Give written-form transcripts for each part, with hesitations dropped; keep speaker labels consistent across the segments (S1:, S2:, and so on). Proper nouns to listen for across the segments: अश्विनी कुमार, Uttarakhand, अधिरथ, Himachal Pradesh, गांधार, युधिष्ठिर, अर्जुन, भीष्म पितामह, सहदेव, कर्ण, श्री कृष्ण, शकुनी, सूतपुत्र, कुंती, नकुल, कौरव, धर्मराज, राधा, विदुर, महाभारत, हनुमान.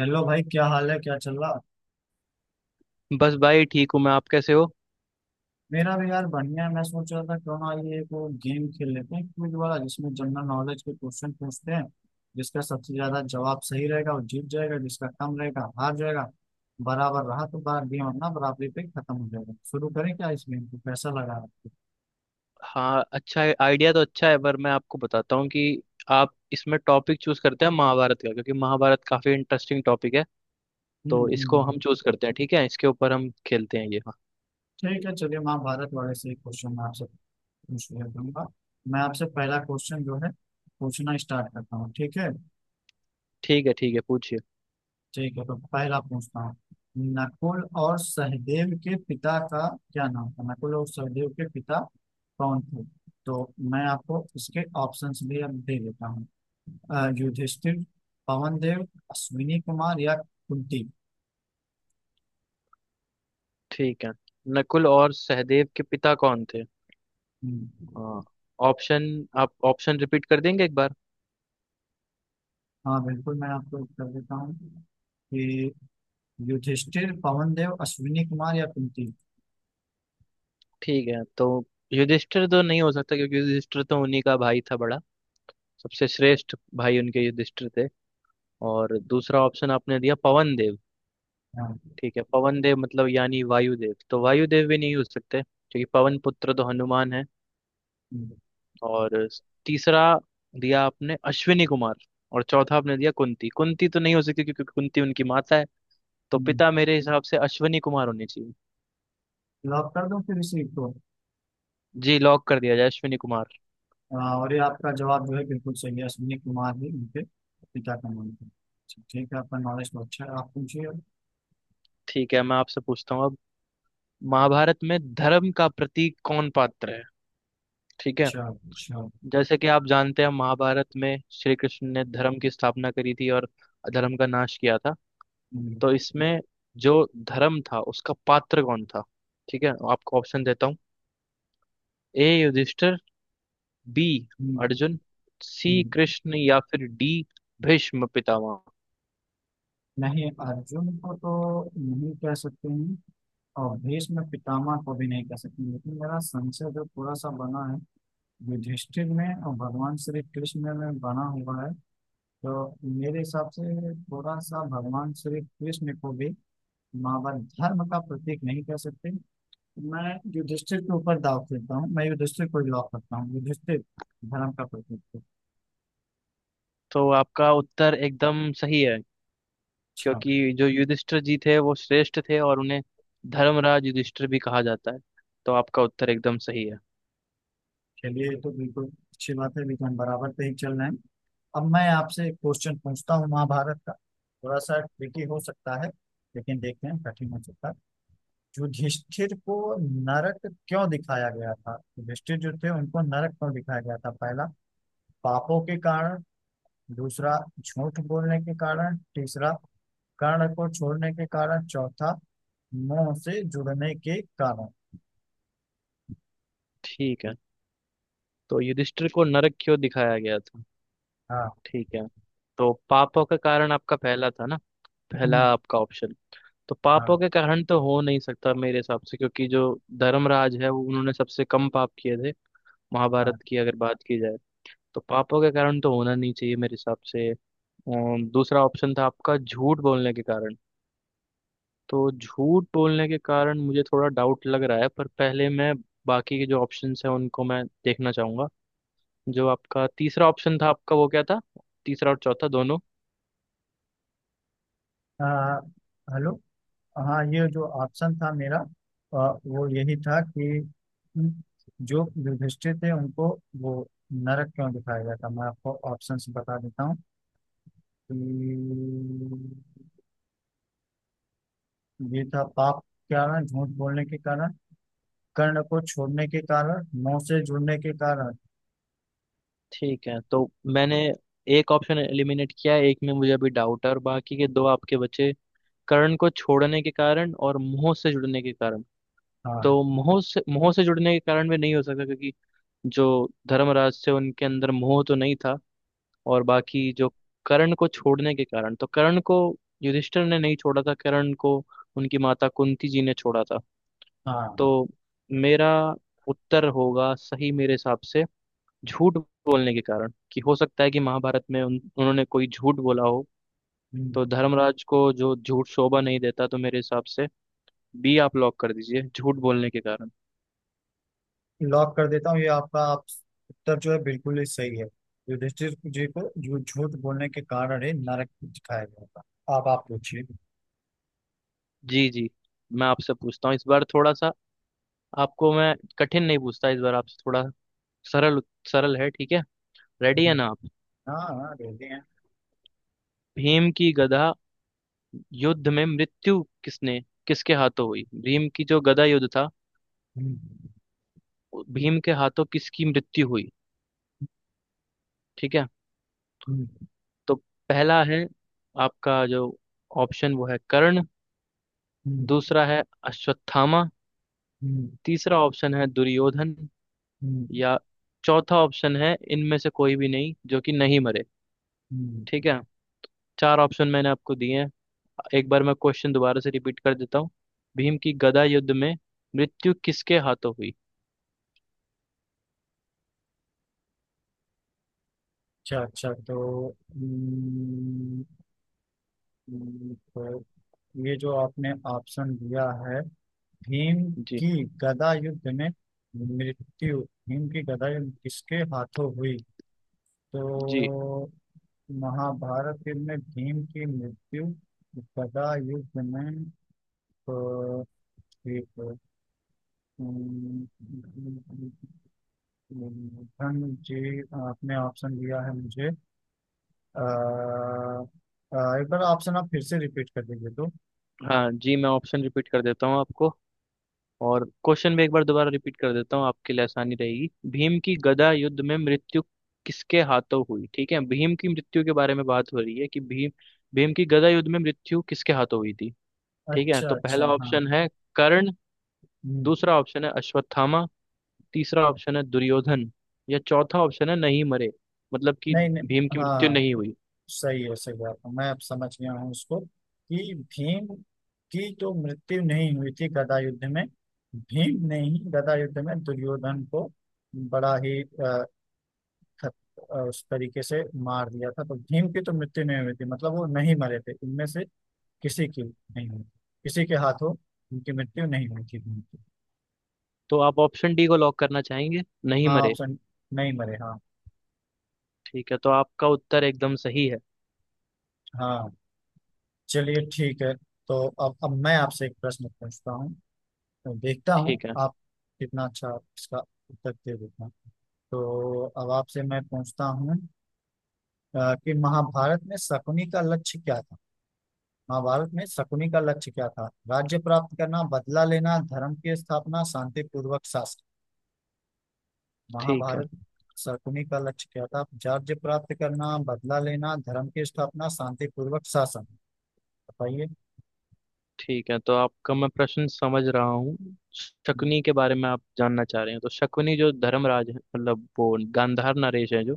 S1: Hello भाई, क्या हाल है, क्या चल रहा।
S2: बस भाई ठीक हूँ। मैं आप कैसे हो?
S1: मेरा भी यार बढ़िया है। मैं सोच रहा था क्यों ना ये को गेम खेल लेते हैं, क्विज वाला जिसमें जनरल नॉलेज के क्वेश्चन पूछते हैं। जिसका सबसे ज्यादा जवाब सही रहेगा वो जीत जाएगा, जिसका कम रहेगा हार जाएगा। बराबर रहा तो बार गेम अपना बराबरी पे खत्म हो जाएगा। शुरू करें क्या इस गेम को? कैसा लगा आपको?
S2: हाँ, अच्छा है। आइडिया तो अच्छा है पर मैं आपको बताता हूँ कि आप इसमें टॉपिक चूज करते हैं महाभारत का, क्योंकि महाभारत काफी इंटरेस्टिंग टॉपिक है।
S1: हम्म,
S2: तो इसको हम चूज करते हैं, ठीक है? इसके ऊपर हम खेलते हैं ये। हाँ,
S1: ठीक है, चलिए महाभारत वाले से एक क्वेश्चन मैं आपसे पूछ लेता हूँ। मैं आपसे पहला क्वेश्चन जो है पूछना स्टार्ट करता हूँ, ठीक है।
S2: ठीक है, ठीक है, पूछिए।
S1: ठीक है, तो पहला पूछता हूँ। नकुल और सहदेव के पिता का क्या नाम था? नकुल और सहदेव के पिता कौन थे? तो मैं आपको इसके ऑप्शंस भी अब दे देता हूँ। युधिष्ठिर, पवन देव, अश्विनी कुमार या कुंती।
S2: ठीक है, नकुल और सहदेव के पिता कौन थे?
S1: हम्म।
S2: हाँ, ऑप्शन, आप ऑप्शन रिपीट कर देंगे एक बार?
S1: हाँ बिल्कुल, मैं आपको उत्तर देता हूँ कि युधिष्ठिर, पवन देव, अश्विनी कुमार या कुंती।
S2: ठीक है, तो युधिष्ठिर तो नहीं हो सकता, क्योंकि युधिष्ठिर तो उन्हीं का भाई था, बड़ा सबसे श्रेष्ठ भाई उनके युधिष्ठिर थे। और दूसरा ऑप्शन आपने दिया पवन।
S1: हाँ।
S2: ठीक है, पवन देव मतलब यानी वायुदेव, तो वायुदेव भी नहीं हो सकते, क्योंकि पवन पुत्र तो हनुमान है।
S1: हम्म,
S2: और तीसरा दिया आपने अश्विनी कुमार। और चौथा आपने दिया कुंती, कुंती तो नहीं हो सकती क्योंकि कुंती उनकी माता है। तो
S1: हम्म।
S2: पिता मेरे हिसाब से अश्विनी कुमार होने चाहिए।
S1: लॉक कर दूं फिर इसी को?
S2: जी, लॉक कर दिया जाए अश्विनी कुमार।
S1: हाँ, और ये आपका जवाब जो है बिल्कुल सही है, अश्विनी कुमार ही उनके पिता का नाम था। अच्छा, ठीक है, आपका नॉलेज तो अच्छा है, आप पूछिए।
S2: ठीक है, मैं आपसे पूछता हूँ अब, महाभारत में धर्म का प्रतीक कौन पात्र है? ठीक है।
S1: अच्छा, अच्छा।
S2: जैसे कि आप जानते हैं महाभारत में श्री कृष्ण ने धर्म की स्थापना करी थी और अधर्म का नाश किया था। तो
S1: हम्म,
S2: इसमें जो धर्म था उसका पात्र कौन था? ठीक है, आपको ऑप्शन देता हूँ। ए युधिष्ठिर, बी
S1: हम्म,
S2: अर्जुन, सी
S1: हम्म।
S2: कृष्ण, या फिर डी भीष्म पितामह।
S1: नहीं, अर्जुन को तो नहीं कह सकते हैं, और भीष्म पितामह को भी नहीं कह सकते, लेकिन मेरा संशय जो थोड़ा सा बना है युधिष्ठिर में और भगवान श्री कृष्ण में बना हुआ है। तो मेरे हिसाब से थोड़ा सा भगवान श्री कृष्ण को भी मां धर्म का प्रतीक नहीं कह सकते। मैं युधिष्ठिर के ऊपर दाव खेलता हूँ, मैं युधिष्ठिर को लॉक करता हूँ, युधिष्ठिर धर्म का प्रतीक है।
S2: तो आपका उत्तर एकदम सही है,
S1: अच्छा।
S2: क्योंकि जो युधिष्ठिर जी थे वो श्रेष्ठ थे और उन्हें धर्मराज युधिष्ठिर भी कहा जाता है। तो आपका उत्तर एकदम सही है।
S1: चलिए ये तो बिल्कुल अच्छी बात है लेकिन बराबर पे ही चल रहे हैं। अब मैं आपसे एक क्वेश्चन पूछता हूँ महाभारत का। थोड़ा सा ट्रिकी हो सकता है, लेकिन देखते हैं, कठिन हो सकता है। युधिष्ठिर को नरक क्यों दिखाया गया था? युधिष्ठिर जो थे उनको नरक क्यों दिखाया गया था? पहला पापों के कारण, दूसरा झूठ बोलने के कारण, तीसरा कर्ण को छोड़ने के कारण, चौथा मोह से जुड़ने के कारण।
S2: ठीक है, तो युधिष्ठिर को नरक क्यों दिखाया गया था?
S1: हाँ।
S2: ठीक है, तो पापों का कारण आपका पहला था ना, पहला
S1: हम्म।
S2: आपका ऑप्शन। तो
S1: हाँ,
S2: पापों के कारण तो हो नहीं सकता मेरे हिसाब से, क्योंकि जो धर्मराज है वो, उन्होंने सबसे कम पाप किए थे,
S1: हाँ।
S2: महाभारत की अगर बात की जाए। तो पापों के कारण तो होना नहीं चाहिए मेरे हिसाब से। दूसरा ऑप्शन था आपका झूठ बोलने के कारण। तो झूठ बोलने के कारण मुझे थोड़ा डाउट लग रहा है, पर पहले मैं बाकी के जो ऑप्शंस हैं उनको मैं देखना चाहूंगा। जो आपका तीसरा ऑप्शन था, आपका वो क्या था? तीसरा और चौथा दोनों।
S1: आ, हेलो। हाँ, ये जो ऑप्शन था मेरा, वो यही था कि जो युधिष्ठिर थे उनको वो नरक क्यों दिखाया गया था। मैं आपको ऑप्शंस बता देता हूँ कि ये था पाप के कारण, झूठ बोलने के कारण, कर्ण को छोड़ने के कारण, मोह से जुड़ने के कारण।
S2: ठीक है, तो मैंने एक ऑप्शन एलिमिनेट किया है, एक में मुझे अभी डाउट है, और बाकी के दो आपके बचे कर्ण को छोड़ने के कारण और मोह से जुड़ने के कारण। तो
S1: हाँ,
S2: मोह से जुड़ने के कारण भी नहीं हो सकता, क्योंकि जो धर्मराज थे उनके अंदर मोह तो नहीं था। और बाकी जो कर्ण को छोड़ने के कारण, तो कर्ण को युधिष्ठिर ने नहीं छोड़ा था, कर्ण को उनकी माता कुंती जी ने छोड़ा था।
S1: हाँ।
S2: तो मेरा उत्तर होगा सही मेरे हिसाब से झूठ बोलने के कारण, कि हो सकता है कि महाभारत में उन्होंने कोई झूठ बोला हो। तो
S1: हम्म।
S2: धर्मराज को जो झूठ शोभा नहीं देता, तो मेरे हिसाब से बी आप लॉक कर दीजिए, झूठ बोलने के कारण।
S1: लॉक कर देता हूँ, ये आपका आप उत्तर जो है बिल्कुल ही सही है। युधिष्ठिर जी को जो झूठ बोलने के कारण ही नरक दिखाया गया था। आप पूछिए।
S2: जी जी, मैं आपसे पूछता हूँ इस बार थोड़ा सा, आपको मैं कठिन नहीं पूछता इस बार, आपसे थोड़ा सरल, सरल है, ठीक है? रेडी है
S1: हम्म।
S2: ना आप?
S1: हाँ, हाँ, रेडी हैं।
S2: भीम की गदा युद्ध में मृत्यु किसने, किसके हाथों हुई? भीम की जो गदा युद्ध था,
S1: हम्म,
S2: भीम के हाथों किसकी मृत्यु हुई? ठीक है,
S1: हम्म,
S2: तो पहला है आपका जो ऑप्शन वो है कर्ण।
S1: हम्म,
S2: दूसरा है अश्वत्थामा।
S1: हम्म,
S2: तीसरा ऑप्शन है दुर्योधन।
S1: हम्म,
S2: या चौथा ऑप्शन है इनमें से कोई भी नहीं, जो कि नहीं मरे।
S1: हम्म।
S2: ठीक है, चार ऑप्शन मैंने आपको दिए हैं। एक बार मैं क्वेश्चन दोबारा से रिपीट कर देता हूँ। भीम की गदा युद्ध में मृत्यु किसके हाथों हुई?
S1: अच्छा, अच्छा, तो ये जो आपने ऑप्शन दिया है। भीम
S2: जी।
S1: की गदा युद्ध में मृत्यु, भीम की गदा युद्ध किसके हाथों हुई?
S2: जी।
S1: तो महाभारत युद्ध में भीम की मृत्यु गदा युद्ध में। अ, एक अम, धन जी, आपने ऑप्शन दिया है मुझे। एक बार ऑप्शन आप फिर से रिपीट कर दीजिए तो।
S2: हाँ जी, मैं ऑप्शन रिपीट कर देता हूँ आपको, और क्वेश्चन भी एक बार दोबारा रिपीट कर देता हूँ, आपके लिए आसानी रहेगी। भीम की गदा युद्ध में मृत्यु किसके हाथों हुई? ठीक है, भीम की मृत्यु के बारे में बात हो रही है कि भीम, भीम की गदा युद्ध में मृत्यु किसके हाथों हुई थी? ठीक है,
S1: अच्छा,
S2: तो
S1: अच्छा,
S2: पहला
S1: हाँ।
S2: ऑप्शन है कर्ण।
S1: हम्म।
S2: दूसरा ऑप्शन है अश्वत्थामा। तीसरा ऑप्शन है दुर्योधन। या चौथा ऑप्शन है नहीं मरे, मतलब कि
S1: नहीं, नहीं।
S2: भीम की मृत्यु
S1: हाँ।
S2: नहीं हुई।
S1: सही है, सही बात है आपका। मैं अब समझ गया हूँ उसको कि भीम की तो मृत्यु नहीं हुई थी गदा युद्ध में। भीम ने ही गदा युद्ध में दुर्योधन को बड़ा ही खत- उस तरीके से मार दिया था। तो भीम की तो मृत्यु नहीं हुई थी, मतलब वो नहीं मरे थे, इनमें से किसी की नहीं हुई, किसी के हाथों उनकी मृत्यु नहीं हुई थी भीम की।
S2: तो आप ऑप्शन डी को लॉक करना चाहेंगे, नहीं
S1: हाँ,
S2: मरे?
S1: ऑप्शन नहीं मरे, हाँ।
S2: ठीक है, तो आपका उत्तर एकदम सही है।
S1: हाँ, चलिए ठीक है। तो अब मैं आपसे एक प्रश्न पूछता हूँ। मैं देखता हूँ
S2: ठीक है।
S1: आप कितना अच्छा इसका उत्तर दे देते हैं। तो अब आपसे मैं पूछता हूँ कि महाभारत में शकुनी का लक्ष्य क्या था। महाभारत में शकुनी का लक्ष्य क्या था? राज्य प्राप्त करना, बदला लेना, धर्म की स्थापना, शांतिपूर्वक शासन।
S2: ठीक है,
S1: महाभारत, शकुनी का लक्ष्य क्या था? राज्य प्राप्त करना, बदला लेना, धर्म की स्थापना, शांतिपूर्वक शासन, बताइए।
S2: ठीक है, तो आपका मैं प्रश्न समझ रहा हूँ,
S1: हम्म,
S2: शकुनी के बारे में आप जानना चाह रहे हैं। तो शकुनी जो धर्मराज है मतलब वो गांधार नरेश है, जो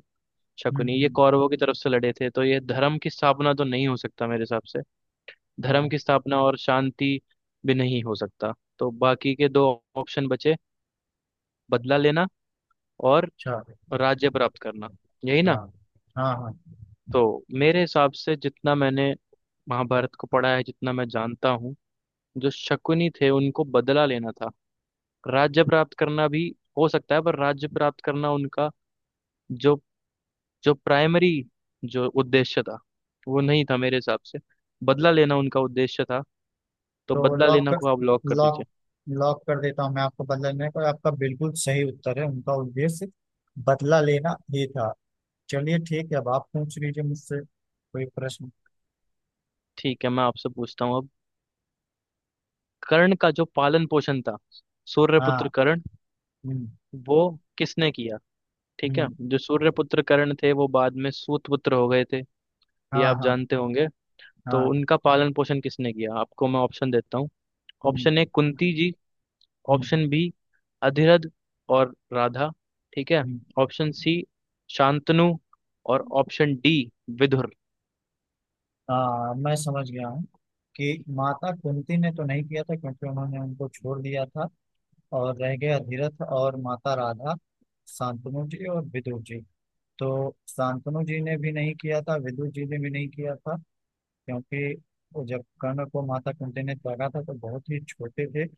S1: हम्म,
S2: शकुनी ये
S1: हम्म।
S2: कौरवों की तरफ से लड़े थे। तो ये धर्म की स्थापना तो नहीं हो सकता मेरे हिसाब से। धर्म
S1: हाँ,
S2: की स्थापना और शांति भी नहीं हो सकता। तो बाकी के दो ऑप्शन बचे, बदला लेना और
S1: अच्छा।
S2: राज्य प्राप्त करना, यही ना?
S1: हाँ, हाँ, हाँ।
S2: तो मेरे हिसाब से जितना मैंने महाभारत को पढ़ा है, जितना मैं जानता हूँ, जो शकुनी थे उनको बदला लेना था। राज्य प्राप्त करना भी हो सकता है, पर राज्य प्राप्त करना उनका जो, जो प्राइमरी जो उद्देश्य था, वो नहीं था मेरे हिसाब से। बदला लेना उनका उद्देश्य था। तो
S1: तो
S2: बदला लेना को आप लॉक कर
S1: लॉक
S2: दीजिए।
S1: लॉक कर देता हूँ मैं आपको, बदला लेने को, आपका बिल्कुल सही उत्तर है, उनका उद्देश्य बदला लेना ही था। चलिए ठीक है, अब आप पूछ लीजिए मुझसे कोई प्रश्न।
S2: ठीक है, मैं आपसे पूछता हूँ अब, कर्ण का जो पालन पोषण था, सूर्यपुत्र
S1: हाँ।
S2: कर्ण,
S1: हम्म,
S2: वो किसने किया? ठीक है,
S1: हम्म।
S2: जो सूर्यपुत्र कर्ण थे वो बाद में सूतपुत्र हो गए थे, ये
S1: हाँ,
S2: आप
S1: हाँ,
S2: जानते होंगे। तो
S1: हाँ।
S2: उनका पालन पोषण किसने किया? आपको मैं ऑप्शन देता हूँ। ऑप्शन ए
S1: हम्म,
S2: कुंती जी।
S1: हम्म,
S2: ऑप्शन बी अधिरथ और राधा। ठीक है।
S1: हम्म।
S2: Option C Shantanu. और ऑप्शन डी विदुर।
S1: हाँ, मैं समझ गया हूँ कि माता कुंती ने तो नहीं किया था, क्योंकि उन्होंने उनको छोड़ दिया था। और रह गया धीरथ और माता राधा, शांतनु जी और विदुर जी। तो शांतनु जी ने भी नहीं किया था, विदुर जी ने भी नहीं किया था, क्योंकि वो जब कर्ण को माता कुंती ने त्यागा था तो बहुत ही छोटे थे।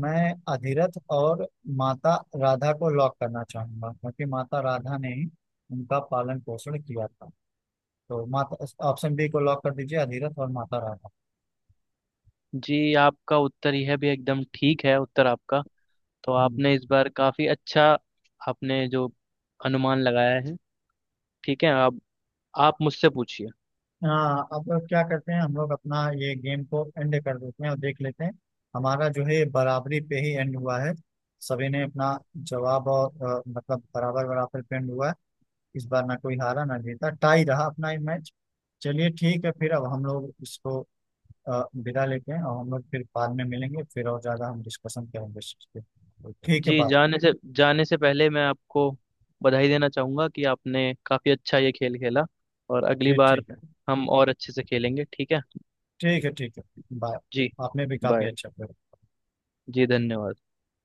S1: मैं अधिरथ और माता राधा को लॉक करना चाहूंगा, क्योंकि माता राधा ने ही उनका पालन पोषण किया था। तो माता ऑप्शन बी को लॉक कर दीजिए, अधिरथ और माता राधा।
S2: जी, आपका उत्तर यह भी एकदम ठीक है, उत्तर आपका। तो
S1: हम्म,
S2: आपने इस बार काफी अच्छा, आपने जो अनुमान लगाया है। ठीक है, अब आप मुझसे पूछिए।
S1: हाँ। अब क्या करते हैं हम लोग, अपना ये गेम को एंड कर देते हैं और देख लेते हैं। हमारा जो है बराबरी पे ही एंड हुआ है। सभी ने अपना जवाब, और मतलब बराबर बराबर पे एंड हुआ है। इस बार ना कोई हारा ना जीता, टाई रहा अपना ये मैच। चलिए ठीक है, फिर अब हम लोग इसको विदा लेते हैं, और हम लोग फिर बाद में मिलेंगे, फिर और ज्यादा हम डिस्कशन करेंगे इस चीज़ पे। तो ठीक है,
S2: जी,
S1: बात।
S2: जाने से पहले मैं आपको बधाई देना चाहूंगा कि आपने काफी अच्छा ये खेल खेला, और अगली
S1: जी
S2: बार
S1: ठीक है।
S2: हम और अच्छे से खेलेंगे, ठीक है?
S1: ठीक है, ठीक है, बाय।
S2: जी,
S1: आपने भी काफी
S2: बाय।
S1: अच्छा किया।
S2: जी धन्यवाद।